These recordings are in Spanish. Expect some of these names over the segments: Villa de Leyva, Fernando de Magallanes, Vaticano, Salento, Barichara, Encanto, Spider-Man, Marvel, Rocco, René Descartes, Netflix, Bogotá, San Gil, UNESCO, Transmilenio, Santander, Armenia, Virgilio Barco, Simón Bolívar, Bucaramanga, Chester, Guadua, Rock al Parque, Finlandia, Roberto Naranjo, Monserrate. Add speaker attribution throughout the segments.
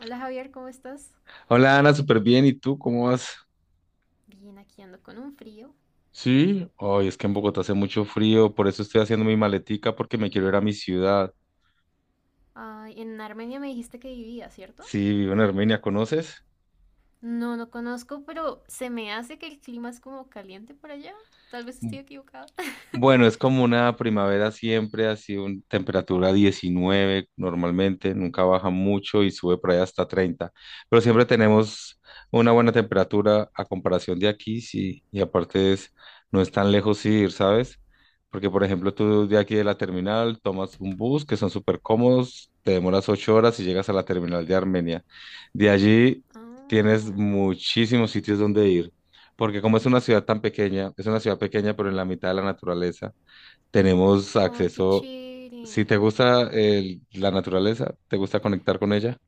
Speaker 1: Hola Javier, ¿cómo estás?
Speaker 2: Hola Ana, súper bien. ¿Y tú cómo vas?
Speaker 1: Bien, aquí ando con un frío.
Speaker 2: Sí, hoy es que en Bogotá hace mucho frío, por eso estoy haciendo mi maletica porque me quiero ir a mi ciudad.
Speaker 1: Ay, en Armenia me dijiste que vivía, ¿cierto?
Speaker 2: Sí, vivo en Armenia, ¿conoces?
Speaker 1: No, no conozco, pero se me hace que el clima es como caliente por allá. Tal vez estoy equivocada.
Speaker 2: Bueno, es como una primavera siempre, así un temperatura 19 normalmente, nunca baja mucho y sube por ahí hasta 30. Pero siempre tenemos una buena temperatura a comparación de aquí, sí, y aparte es, no es tan lejos ir, ¿sabes? Porque, por ejemplo, tú de aquí de la terminal tomas un bus que son súper cómodos, te demoras 8 horas y llegas a la terminal de Armenia. De allí tienes muchísimos sitios donde ir porque como es una ciudad tan pequeña, es una ciudad pequeña, pero en la mitad de la naturaleza, tenemos
Speaker 1: Ah, ay, qué
Speaker 2: acceso,
Speaker 1: chévere.
Speaker 2: si te gusta la naturaleza, te gusta conectar con ella,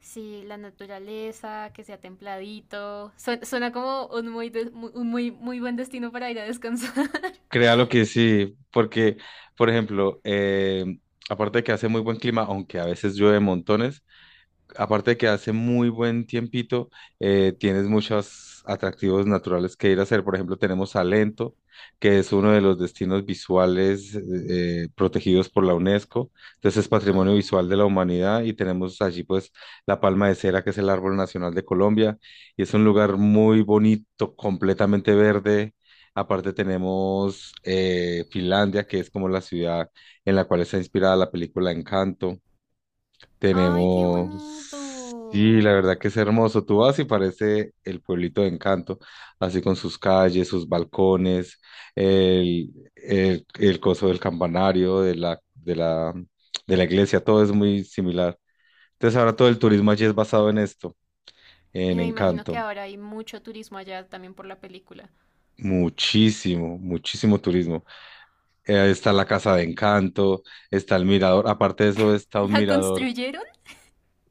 Speaker 1: Sí, la naturaleza, que sea templadito. Suena, como un muy, muy buen destino para ir a descansar.
Speaker 2: créalo que sí, porque, por ejemplo, aparte de que hace muy buen clima, aunque a veces llueve montones, aparte de que hace muy buen tiempito, tienes muchos atractivos naturales que ir a hacer. Por ejemplo, tenemos Salento, que es uno de los destinos visuales protegidos por la UNESCO. Entonces es Patrimonio
Speaker 1: Ah,
Speaker 2: Visual de la Humanidad y tenemos allí pues la palma de cera, que es el árbol nacional de Colombia. Y es un lugar muy bonito, completamente verde. Aparte tenemos Finlandia, que es como la ciudad en la cual está inspirada la película Encanto.
Speaker 1: ay, qué bonito.
Speaker 2: Tenemos, sí, la verdad que es hermoso. Tú vas y parece el pueblito de Encanto, así con sus calles, sus balcones, el coso del campanario, de la iglesia, todo es muy similar. Entonces ahora todo el turismo allí es basado en esto,
Speaker 1: Y
Speaker 2: en
Speaker 1: me imagino que
Speaker 2: Encanto.
Speaker 1: ahora hay mucho turismo allá también por la película.
Speaker 2: Muchísimo, muchísimo turismo. Está la casa de Encanto, está el mirador, aparte de eso está un
Speaker 1: ¿La
Speaker 2: mirador.
Speaker 1: construyeron?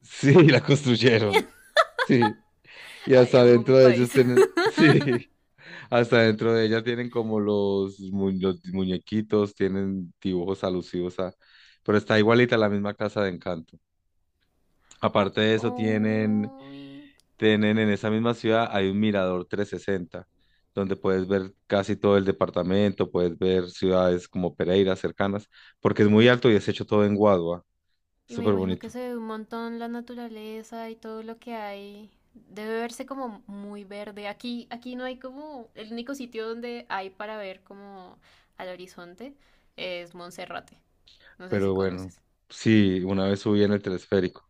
Speaker 2: Sí, la construyeron. Sí. Y
Speaker 1: Ay,
Speaker 2: hasta
Speaker 1: amo mi
Speaker 2: dentro de ellos
Speaker 1: país.
Speaker 2: tienen, sí, hasta dentro de ella tienen como los, los muñequitos, tienen dibujos alusivos a, pero está igualita la misma casa de Encanto. Aparte de eso, tienen,
Speaker 1: Uy,
Speaker 2: tienen en esa misma ciudad hay un mirador 360 donde puedes ver casi todo el departamento, puedes ver ciudades como Pereira cercanas, porque es muy alto y es hecho todo en Guadua,
Speaker 1: y me
Speaker 2: súper
Speaker 1: imagino que
Speaker 2: bonito.
Speaker 1: se ve un montón la naturaleza y todo lo que hay. Debe verse como muy verde. Aquí no hay como el único sitio donde hay para ver como al horizonte es Monserrate. No sé si
Speaker 2: Pero bueno,
Speaker 1: conoces.
Speaker 2: sí, una vez subí en el telesférico.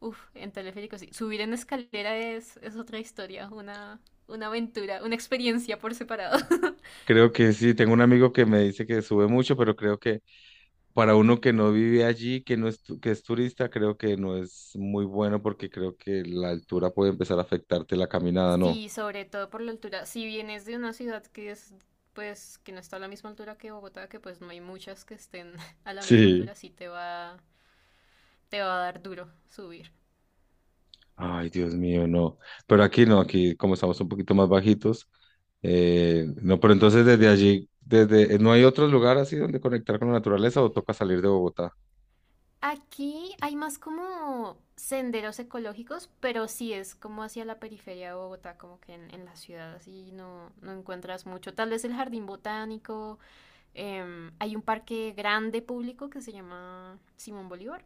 Speaker 1: Uf, en teleférico sí. Subir en escalera es otra historia, una aventura, una experiencia por separado.
Speaker 2: Creo que sí, tengo un amigo que me dice que sube mucho, pero creo que para uno que no vive allí, que no es, que es turista, creo que no es muy bueno porque creo que la altura puede empezar a afectarte la caminada, ¿no?
Speaker 1: Sí, sobre todo por la altura. Si vienes de una ciudad que es, pues, que no está a la misma altura que Bogotá, que pues no hay muchas que estén a la misma
Speaker 2: Sí.
Speaker 1: altura, sí te va a dar duro subir.
Speaker 2: Ay, Dios mío, no. Pero aquí no, aquí como estamos un poquito más bajitos, no, pero entonces desde allí, desde, ¿no hay otro lugar así donde conectar con la naturaleza o toca salir de Bogotá?
Speaker 1: Aquí hay más como senderos ecológicos, pero sí es como hacia la periferia de Bogotá, como que en la ciudad así no, no encuentras mucho. Tal vez el jardín botánico, hay un parque grande público que se llama Simón Bolívar.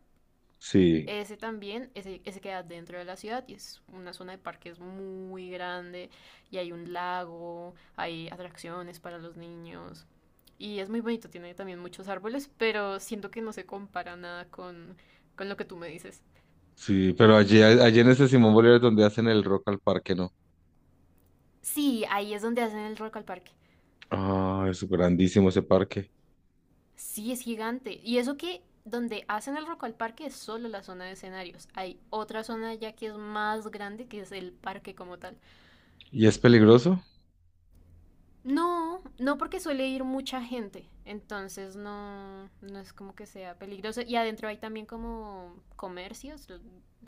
Speaker 2: Sí,
Speaker 1: Ese también, ese queda dentro de la ciudad y es una zona de parques muy grande, y hay un lago, hay atracciones para los niños, y es muy bonito, tiene también muchos árboles, pero siento que no se compara nada con, con lo que tú me dices.
Speaker 2: sí, pero allí, allí en ese Simón Bolívar es donde hacen el Rock al Parque, ¿no?
Speaker 1: Sí, ahí es donde hacen el Rock al Parque.
Speaker 2: Ah, es grandísimo ese parque.
Speaker 1: Sí, es gigante. Y eso que donde hacen el Rock al Parque es solo la zona de escenarios. Hay otra zona ya que es más grande, que es el parque como tal.
Speaker 2: ¿Y es peligroso?
Speaker 1: No, no porque suele ir mucha gente, entonces no, no es como que sea peligroso. Y adentro hay también como comercios,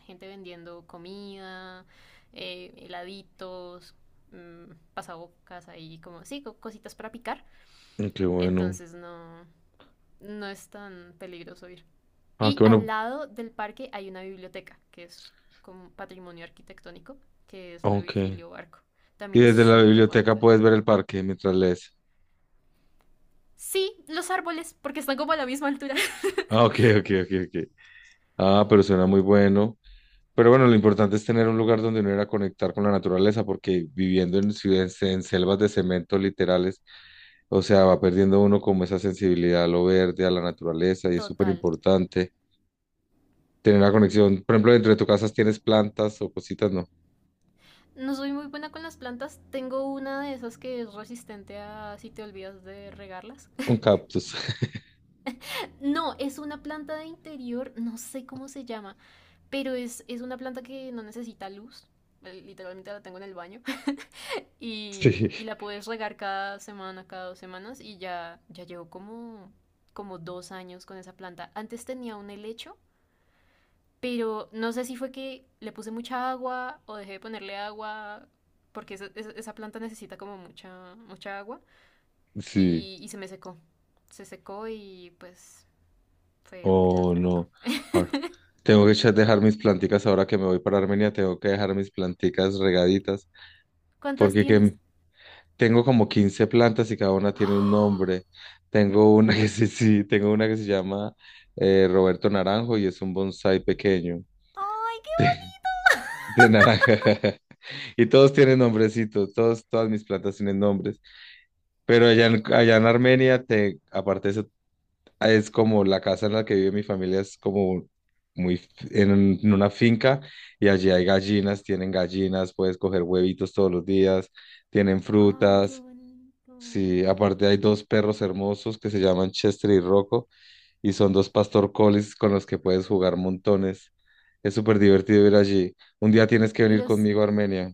Speaker 1: gente vendiendo comida, heladitos, pasabocas ahí, como, sí, cositas para picar.
Speaker 2: Mm, qué bueno.
Speaker 1: Entonces no, no es tan peligroso ir.
Speaker 2: Ah,
Speaker 1: Y
Speaker 2: qué
Speaker 1: al
Speaker 2: bueno.
Speaker 1: lado del parque hay una biblioteca, que es como patrimonio arquitectónico, que es la
Speaker 2: Aunque.
Speaker 1: Virgilio Barco.
Speaker 2: Y
Speaker 1: También es
Speaker 2: desde la
Speaker 1: súper
Speaker 2: biblioteca
Speaker 1: bonita.
Speaker 2: puedes ver el parque mientras lees.
Speaker 1: Sí, los árboles, porque están como a la misma altura.
Speaker 2: Ah, ok, ok, ok, ok. Ah, pero suena muy bueno. Pero bueno, lo importante es tener un lugar donde uno ir a conectar con la naturaleza, porque viviendo en ciudades, en selvas de cemento literales, o sea, va perdiendo uno como esa sensibilidad a lo verde, a la naturaleza, y es súper
Speaker 1: Total.
Speaker 2: importante tener una conexión. Por ejemplo, entre tu casa tienes plantas o cositas, no,
Speaker 1: No soy muy buena con las plantas. Tengo una de esas que es resistente a si te olvidas de regarlas.
Speaker 2: un cactus.
Speaker 1: No, es una planta de interior, no sé cómo se llama, pero es una planta que no necesita luz. Literalmente la tengo en el baño.
Speaker 2: Sí.
Speaker 1: Y la puedes regar cada semana, cada 2 semanas. Y ya, ya llevo como 2 años con esa planta. Antes tenía un helecho. Pero no sé si fue que le puse mucha agua o dejé de ponerle agua, porque esa planta necesita como mucha, mucha agua,
Speaker 2: Sí.
Speaker 1: y se me secó. Se secó y pues fue un final
Speaker 2: Oh,
Speaker 1: trágico.
Speaker 2: no. Ahora, tengo que dejar mis planticas ahora que me voy para Armenia, tengo que dejar mis planticas regaditas,
Speaker 1: ¿Cuántas
Speaker 2: porque
Speaker 1: tienes?
Speaker 2: que tengo como 15 plantas y cada una tiene un nombre. Tengo una sí, tengo una que se llama Roberto Naranjo y es un bonsái pequeño
Speaker 1: Ay, qué
Speaker 2: de naranja. Y todos tienen nombrecitos, todos, todas mis plantas tienen nombres. Pero allá en Armenia, te, aparte de eso, es como la casa en la que vive mi familia es como en, en una finca y allí hay gallinas, tienen gallinas, puedes coger huevitos todos los días, tienen
Speaker 1: Ay, qué
Speaker 2: frutas. Sí,
Speaker 1: bonito.
Speaker 2: aparte hay dos perros hermosos que se llaman Chester y Rocco y son dos pastor colis con los que puedes jugar montones. Es súper divertido ir allí. Un día tienes que
Speaker 1: Y
Speaker 2: venir
Speaker 1: los...
Speaker 2: conmigo a Armenia.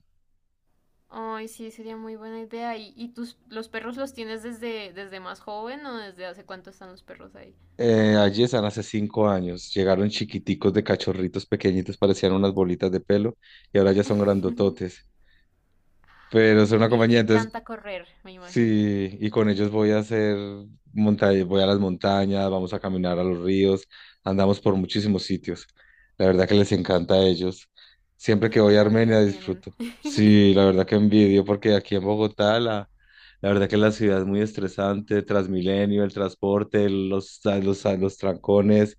Speaker 1: Ay, sí, sería muy buena idea. ¿Y los perros los tienes desde, más joven o desde hace cuánto están los perros ahí?
Speaker 2: Allí están hace 5 años. Llegaron chiquiticos de cachorritos pequeñitos, parecían unas bolitas de pelo y ahora ya son grandototes. Pero son una
Speaker 1: Y les
Speaker 2: compañía, entonces
Speaker 1: encanta correr, me imagino.
Speaker 2: sí, y con ellos voy a hacer montaña, voy a las montañas, vamos a caminar a los ríos, andamos por muchísimos sitios. La verdad que les encanta a ellos. Siempre
Speaker 1: Qué
Speaker 2: que voy a
Speaker 1: buena vida
Speaker 2: Armenia
Speaker 1: tienen.
Speaker 2: disfruto. Sí, la verdad que envidio porque aquí en Bogotá la, la verdad que la ciudad es muy estresante, Transmilenio, el transporte, los trancones,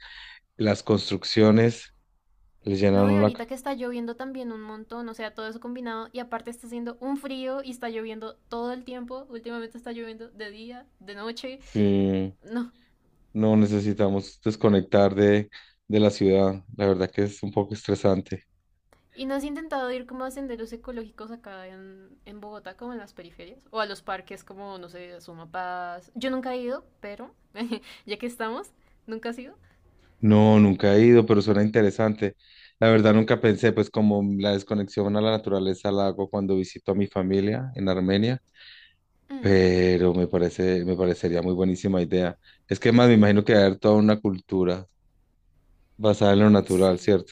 Speaker 2: las construcciones, les llenan
Speaker 1: No, y
Speaker 2: una... ca-
Speaker 1: ahorita que está lloviendo también un montón, o sea, todo eso combinado, y aparte está haciendo un frío y está lloviendo todo el tiempo, últimamente está lloviendo de día, de noche,
Speaker 2: Sí.
Speaker 1: no.
Speaker 2: No necesitamos desconectar de la ciudad. La verdad que es un poco estresante.
Speaker 1: ¿Y no has intentado ir como a senderos ecológicos acá en Bogotá, como en las periferias? O a los parques como, no sé, a yo nunca he ido, pero ya que estamos, nunca has ido.
Speaker 2: No, nunca he ido, pero suena interesante. La verdad nunca pensé, pues como la desconexión a la naturaleza la hago cuando visito a mi familia en Armenia,
Speaker 1: Mm,
Speaker 2: pero me parecería muy buenísima idea. Es que más me imagino que va a haber toda una cultura basada en lo natural,
Speaker 1: sí.
Speaker 2: ¿cierto?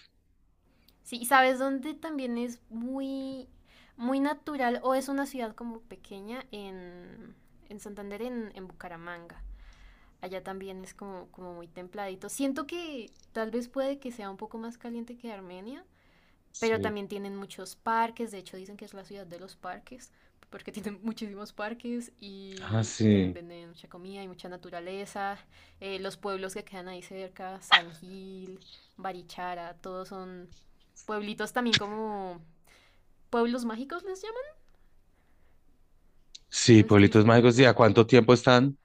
Speaker 1: Sí, ¿sabes dónde también es muy, muy natural o es una ciudad como pequeña en Santander, en Bucaramanga? Allá también es como muy templadito. Siento que tal vez puede que sea un poco más caliente que Armenia, pero
Speaker 2: Sí.
Speaker 1: también tienen muchos parques, de hecho dicen que es la ciudad de los parques, porque tienen muchísimos parques
Speaker 2: Ah,
Speaker 1: y también
Speaker 2: sí.
Speaker 1: venden mucha comida y mucha naturaleza. Los pueblos que quedan ahí cerca, San Gil, Barichara, todos son pueblitos también como pueblos mágicos les llaman,
Speaker 2: Sí,
Speaker 1: no estoy
Speaker 2: pueblitos
Speaker 1: segura.
Speaker 2: mágicos. ¿Y a cuánto tiempo están?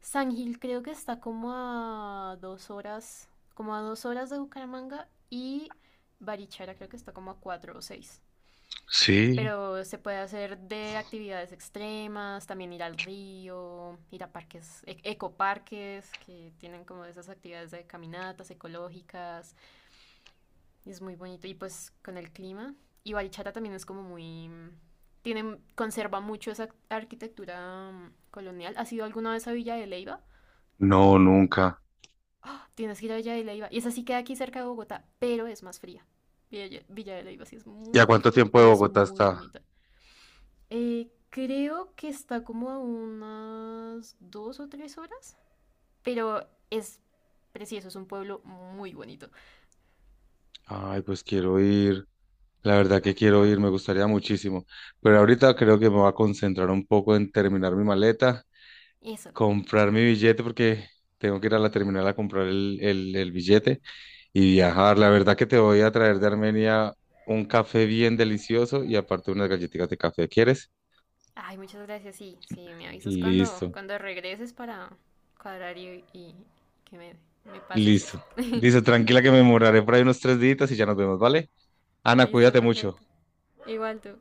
Speaker 1: San Gil creo que está como a 2 horas, como a 2 horas de Bucaramanga, y Barichara creo que está como a cuatro o seis.
Speaker 2: Sí,
Speaker 1: Pero se puede hacer de actividades extremas, también ir al río, ir a parques, ecoparques, que tienen como esas actividades de caminatas ecológicas. Y es muy bonito. Y pues con el clima. Y Barichara también es como muy. Tiene, conserva mucho esa arquitectura colonial. ¿Has ido alguna vez a Villa de Leyva?
Speaker 2: no, nunca.
Speaker 1: Tienes que ir a Villa de Leyva. Y esa sí queda aquí cerca de Bogotá, pero es más fría. Villa de Leyva sí es
Speaker 2: ¿Y a
Speaker 1: muy
Speaker 2: cuánto
Speaker 1: fría,
Speaker 2: tiempo de
Speaker 1: pero es
Speaker 2: Bogotá
Speaker 1: muy
Speaker 2: está?
Speaker 1: bonita. Creo que está como a unas 2 o 3 horas, pero es precioso, es un pueblo muy bonito.
Speaker 2: Ay, pues quiero ir. La verdad que quiero ir, me gustaría muchísimo. Pero ahorita creo que me voy a concentrar un poco en terminar mi maleta,
Speaker 1: Eso.
Speaker 2: comprar mi billete porque tengo que ir a la terminal a comprar el billete y viajar. La verdad que te voy a traer de Armenia un café bien delicioso y aparte unas galletitas de café. ¿Quieres?
Speaker 1: Ay, muchas gracias. Sí, sí, me avisas cuando,
Speaker 2: Listo,
Speaker 1: cuando regreses para cuadrar y que me pases eso.
Speaker 2: listo. Listo, tranquila que me moraré por ahí unos 3 días y ya nos vemos, ¿vale? Ana,
Speaker 1: Listo,
Speaker 2: cuídate mucho.
Speaker 1: perfecto. Igual tú.